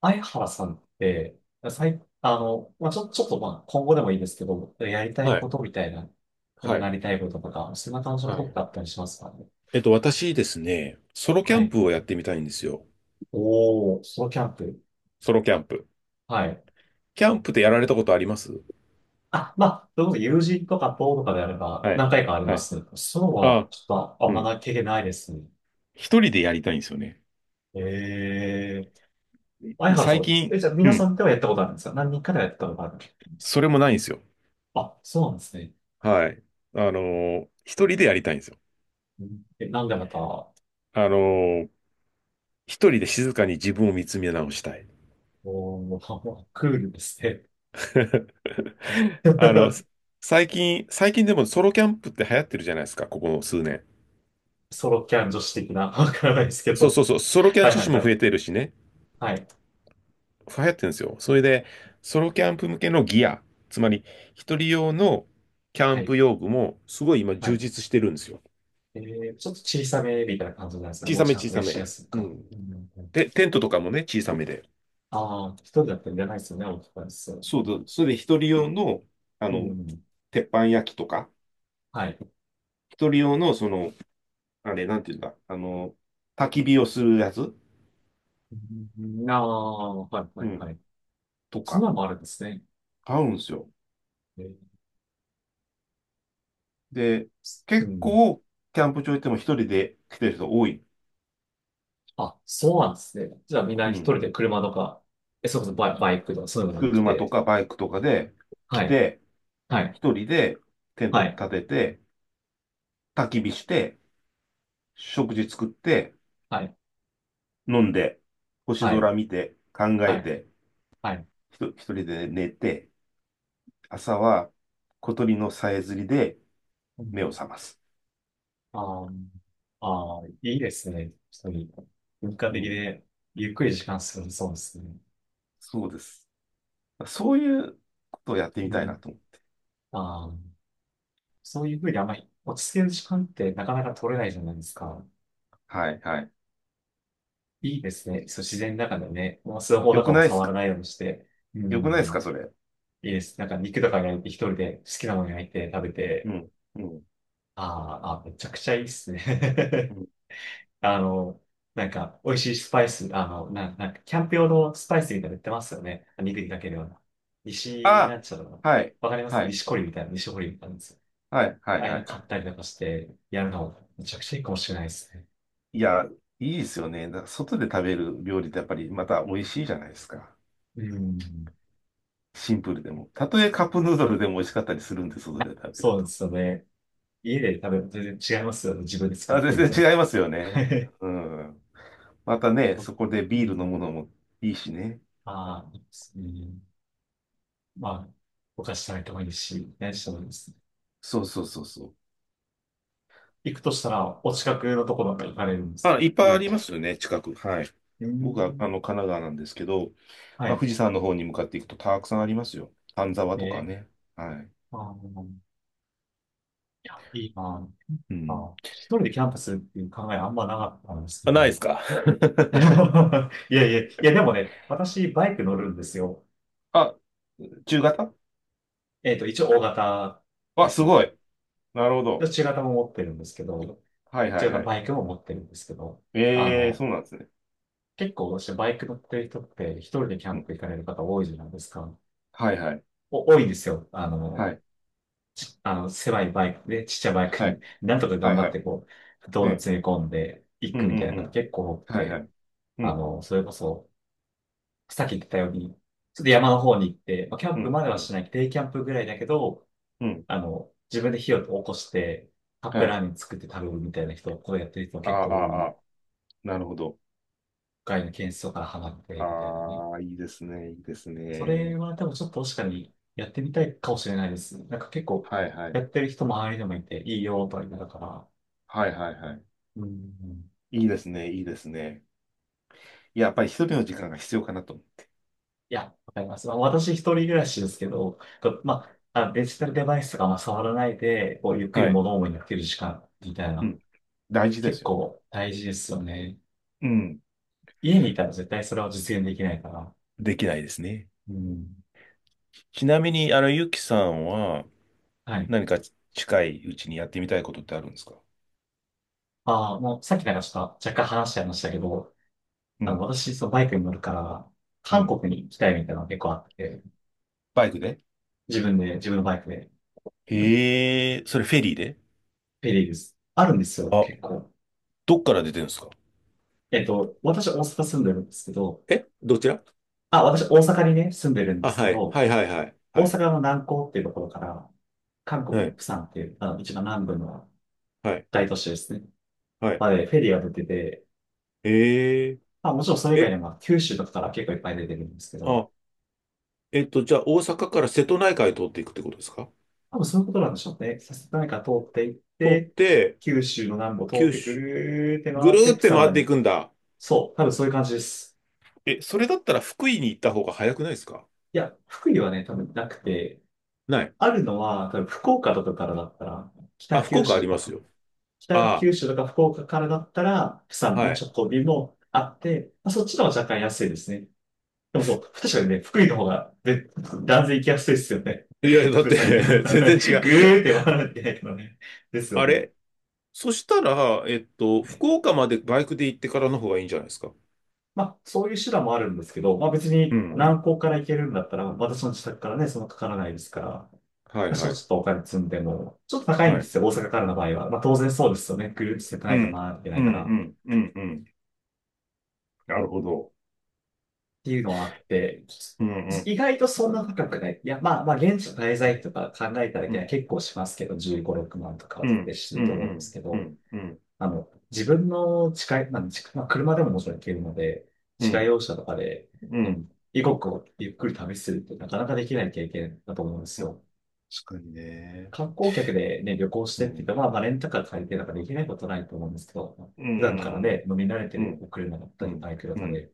相原さんって、最、あの、まあ、ちょ、ちょっとまあ、今後でもいいんですけど、やりたいはこい。とみたいな、なんはかない。りたいこととか、そんな感じのこはとっい。てあったりしますかね。私ですね、ソロキはャンい。プをやってみたいんですよ。おー、ソロキャンプ。ソロキャンプ。はい。キャンプってやられたことあります？あ、まあ、そういうこと友人とか友とかであればはい。何回かありはまい。す。そうは、あ、ちょっとあんうまん。な経験ないですね。一人でやりたいんですよね。えー。相原さ最ん、え、近、じゃあう皆さん。んではやったことあるんですか、何人かではやったことあるんですそか？れもないんですよ。あ、そうなんですね。はい。一人でやりたいんですよ。うん、なんでまた。あのー一人で静かに自分を見つめ直したい。おー、クールですね。あの、最近でもソロキャンプって流行ってるじゃないですか、ここの数年。ソロキャン女子的な、わからないですけそうそど。うそう、ソロキャンはい女はい子もは増えい。てるしね。はい。流行ってるんですよ。それで、ソロキャンプ向けのギア、つまり一人用のキャはンプい。用具もすごい今は充い。実してるんですよ。えー、ちょっと小さめみたいな感じなんですね。小持さちめ小運びさしやめ。すいうか。ん。うんうんうん。で、テントとかもね、小さめで。ああ、一人だったらいらないですよね、大きくなりそう。そうだ。それで一人用の、あうんうの、ん。鉄板焼きとか、はい。一人用の、その、あれ、なんていうんだ、焚き火をするやつ、うん、ああ、はいはういはん、い。とそんなか、のもあるんですね。買うんですよ。えー。で、う結ん。構、キャンプ場行っても一人で来てる人多い。あ、そうなんですね。じゃあみんなう一ん。人で車とか、え、それこそバイクとかそういうのに来車とて。かバイクとかで来はい。て、はい。一人でテントはい。立てて、焚き火して、食事作って、はい。飲んで、星はい。空見て、考はえい。て、はい。一人で寝て、朝は小鳥のさえずりでう目をん、覚ます。あーあー、いいですね。一人。文化う的ん、で、ゆっくり時間過ごせそうですね。そうです。そういうことをやってみたいうなと思う。ん。ああ、そういうふうにあんまり落ち着ける時間ってなかなか取れないじゃないですか。はい、はい。いいですね。そう、自然の中でね、もうスマホよとかくもないです触らかないようにして。うよくないですん。かそれ？いいです。なんか肉とか焼いて一人で好きなもの焼いて食べうて。ん、うん、あーあー、めちゃくちゃいいですうね。ん。あの、なんか、美味しいスパイス、なんか、キャンプ用のスパイスみたいなの売ってますよね。肉にかけるような。西、なあ、んちゃらの、はい、わかりますはい、西コリみたいな、西堀みたいなんですよ。はい、はあい、あいはうのい。は買っい。たりとかして、やるの、めちゃくちゃいいかもしれないですね。いや、いいですよね。だから外で食べる料理ってやっぱりまた美味しいじゃないですか。うん。シンプルでも。たとえカップヌードルでも美味しかったりするんです、それで食べるそうでと。すよね。家で食べると全然違いますよね。自分で作っあ、てみ全た然ら。違いますよね。うん。またね、そこでうビール飲ん。むのもいいしね。ああ、いいですね。まあ、お菓子食べてもいいし、何してもいいですね。そうそうそうそう。行くとしたら、お近くのところなんか行かれるんですか。あ、いっぱいあ家りまか。すよね、近く。はい。う僕は、ん。神奈川なんですけど、はまあ、い。富士山の方に向かっていくとたくさんありますよ。丹沢とかえね。はい。ー、あの、いや、いいな。うん。あ、一人でキャンパスっていう考えあんまなかったんですけあ、ないですど。か？ いや、でもね、私、バイク乗るんですよ。あ、中型。えっと、一応、大型であ、すす。ごい。なるほでど。中型も持ってるんですけど、はいはい中型はい。バイクも持ってるんですけど、あええー、その、うなんですね。結構、私、バイク乗ってる人って、一人でキャうンん。プ行かれる方多いじゃないですか。はいはい。お、多いんですよ。はい。あの、狭いバイクで、ちっちゃいバイクはに、い。なんとか頑はい張はってい。こう、え道路え。詰め込んでいうんくうみたんいうな方ん。結構多くはいはて、い。うあんの、それこそ、さっき言ってたように、ちょっと山の方に行って、まあ、キャうンプんまでうはんしない、デイキャンプぐらいだけど、うん。あの、自分で火を起こして、カップはラーい。メン作って食べるみたいな人、こうやってる人もあ結構多あ、い、ああ、なるほど。外の件数からハマって、みたいなね。ああ、いいですね。いいですそれね。は多分ちょっと確かにやってみたいかもしれないです。なんか結構、はいはやい。ってる人周りでもいて、いいよ、とは言いながら。はいはいはい。うん。いいですね。いいですね。いや、やっぱり一人の時間が必要かなと。いや、わかります。まあ、私一人暮らしですけど、こううん。まあ、あデジタルデバイスがあ触らないで、こう、ゆっくりはい。物思いになってる時間みたいうな、ん。大事で結すよ。構大事ですよね。うん。家にいたら絶対それは実現できないから。できないですね。うん。ちなみに、ゆきさんははい。何か近いうちにやってみたいことってあるんですか？ああ、もうさっきなんかちょっと若干話しちゃいましたけど、うあの、ん。私、そのバイクに乗るから、う韓ん。国に行きたいみたいなのが結構あって、バイクで。自分のバイクで、へえ、それフェリーで？ペリーです。あるんですよ、あ、結構。どっから出てるんですか？えっと、私大阪住んでるんですけど、どちら？あ、私大阪にね、住んでるんであ、すけはい。ど、はいはいはい。大は阪い。の南港っていうところから、韓国のはい。釜山っていう、あの、一番南部のはい。大都市ですね。はい。まで、フェリーが出てて、えー、まあ、もちろんそれ以外にえ、も、九州とかから結構いっぱい出てるんですけど、あ、えっと、じゃあ大阪から瀬戸内海通っていくってことですか？多分そういうことなんでしょうね。さすがにか通っていっ通って、て、九州の南部を通っ九てく州、るーって回ぐるって、ーっ釜て山回まっていで。くんだ。そう、多分そういう感じです。え、それだったら福井に行った方が早くないですか？いや、福井はね、多分なくて、ない。あるのは、多分福岡とかからだったら、あ、北福九岡あ州りとますかよ。北あ九州とか福岡からだったら、釜あ、山のはい。直行便もあって、まあ、そっちの方が若干安いですね。でもそう、確かにね、福井の方が、ね、断然行きやすいですよね。いや、だごめんっなて。 さい、行かない から全然ね。違う。ぐーって回らなきゃいけないからね。ですよあね。れ、そしたら、はい。福岡までバイクで行ってからの方がいいんじゃないですか？まあ、そういう手段もあるんですけど、まあ別うにん。南港から行けるんだったら、私の自宅からね、そんなかからないですから、はい私ははい。ちょっとお金積んでも、ちょっと高いんはでい。すよ、大阪からの場合は。まあ当然そうですよね。ぐるーっとしててうないかん。回ってなういん、うから。ん、うん、うん。なるほど。ていうのはあって、うん、うん、意外とそんな高くない。いや、まあまあ、現地の滞在費とうか考えただけはん、結構しますけど、15、6万とかうってん、すうん、うると思うんですん、けうど、ん、うん、あの、自分の近い、まあ、近いまあ、車でももちろん行けるので、う自家ん、用車とかで、ううん。ん、異国をゆっくり旅するってなかなかできない経験だと思うんですよ。確かにね。観光客でね、旅行しうてって言っん、たら、まあ、レンタカー借りてなんかできないことないと思うんですけど、う普段からん、うん、ね、飲み慣れてうるん、お車だったうり、ん、バイクだっうたり、ん、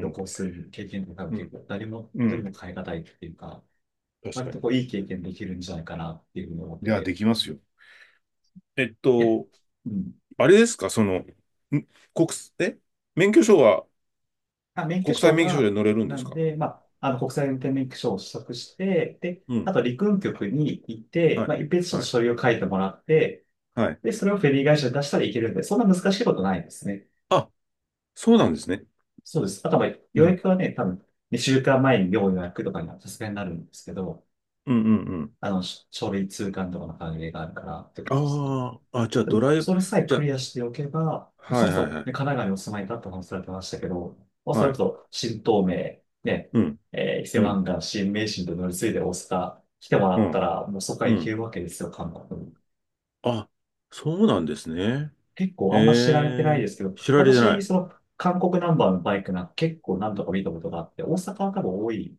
旅う行する経験って多分結ん、構誰もう一人ん。も変え難いっていうか、確割かとに。こういい経験できるんじゃないかなっていうふうに思っいてや、でて。きますよ。えっいや、と、うん。あれですか、国え免許証はあ、免許国際証免許証でが、乗れるんなですんか？で、まあ、あの国際運転免許証を取得して、で、うあん。と陸運局に行って、はい。まあ、一筆ちょっはとい。書類を書いてもらって、はい。で、それをフェリー会社に出したらいけるんで、そんな難しいことないですね。あ、そうなんですね。そうです。あと、まあ、う予ん。約はね、多分、2週間前に要予約とかにはさすがになるんですけど、うんうんうん。あの、書類通関とかの関係があるからってことですね。ああ、あ、じゃあでもドライブ、それさえじゃクあ。リアしておけば、はそもいそはも、いはい。ね、神奈川にお住まいだった話されてましたけど、まあ、そはれこい。そ、新東名、ね、うん。えー伊勢うん。湾岸、新名神と乗り継いで大阪来てもらうったん。ら、もうそこからう行けん。るわけですよ、韓国に。あ、そうなんですね。結構あんま知られてないええ、ですけど、知られて私、なその、韓国ナンバーのバイクなんか結構何とか見たことがあって、大阪は多分多い。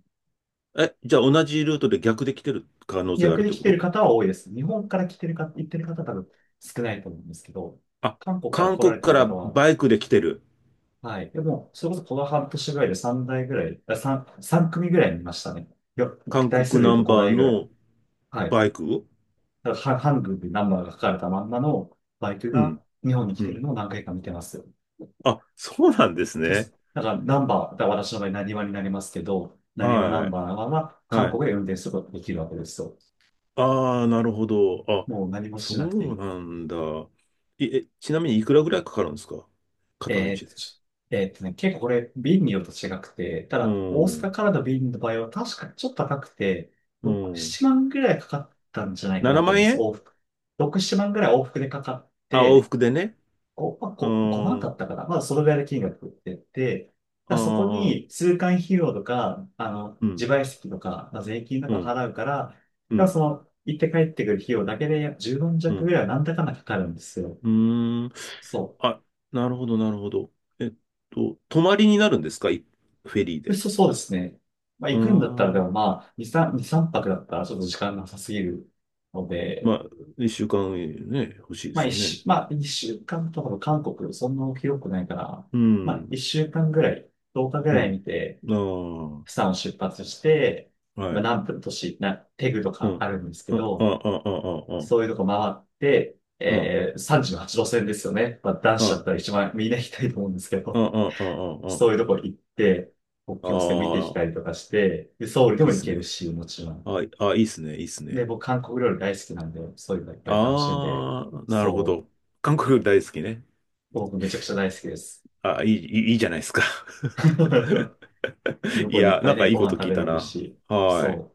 い。え、じゃあ同じルートで逆で来てる可能性があ逆るっにて来こてると？方は多いです。日本から来てる方、行ってる方は多分少ないと思うんですけど、あ、韓国から韓来ら国れてかる方らは、バイクで来てる。はい。でも、それこそこの半年ぐらいで3台ぐらい、あ、3、三組ぐらい見ましたね。よ、韓台数国で言ナうとンバー5台ぐらい。のはい。バイク。だからは、ハンルでナンバーが書かれたまんまのバイクうがん。日本に来うてるん。のを何回か見てますよ。あ、そうなんですそうっす。ね。だからナンバー、だから私の場合、なにわになりますけど、なにわナはンバーい。は韓はい。国で運転することができるわけですよ。ああ、なるほど。あ、もう何もそしなくていうい。なんだ。いえ、ちなみにいくらぐらいかかるんですか？片道えーっで。と、ちょえーっとね、結構これ、便によると違くて、たうだ、大阪ん。からの便の場合は確かにちょっと高くて、う6、ん。7万ぐらいかかったんじゃないかな7と思う万んです、円。往復。6、7万ぐらい往復でかかっあ、往て、復でね。5、まあ、う5、5万ーだん、ったかな。まあ、そのぐらいの金額ってて、あだからそこー、に通関費用とか、あの、うん、自賠責とか、まあ、税金とうかん、払うから、だかうらん、その、行って帰ってくる費用だけで10万う弱ぐん、らいはなんだかんだかかるんですよ。うーん。そう。あ、なるほど、なるほど。えっ泊まりになるんですかい？フェリーで。そうですね。まあ、うー行くんだったら、でもん。まあ、2、3、2、3泊だったらちょっと時間なさすぎるのまで、あ、一週間ね、欲しいですよね。まあ、一週間とかの韓国、そんな広くないから、うまあ、ん、一週間ぐらい、10日ぐうらいん。見て、あ釜山を出発して、あ、はまあ、い。南部の都市、な、テグとうかん。あるんですけあ、あ、あ、ど、あ、あ、あ、そういうとこ回って、あ、あ、えー、38路線ですよね。まあ、男子だっあ、たら一番みんな行きたいと思うんですけあ、ど、あ、あ、そういうとこ行って、国あ、境線見てあ、きたあ、りとかして、で、ソウルでいいもっ行すけるね。し、もちろん。あ、あ、いいっすね、いいっすで、ね。僕、韓国料理大好きなんで、そういうのいっぱい楽しんで、ああ、なるほそど。韓国大好きね。う、僕めちゃくちゃ大好きです。あ、いい、いいいいじゃないですか。向いこうでいっや、ぱないんかね、いいごこと飯食聞いべらたれるな。し、はい。そ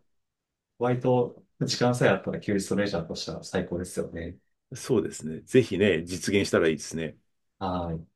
う、割と時間さえあったら休日とレジャーとしては最高ですよね。そうですね。ぜひね、実現したらいいですね。はい。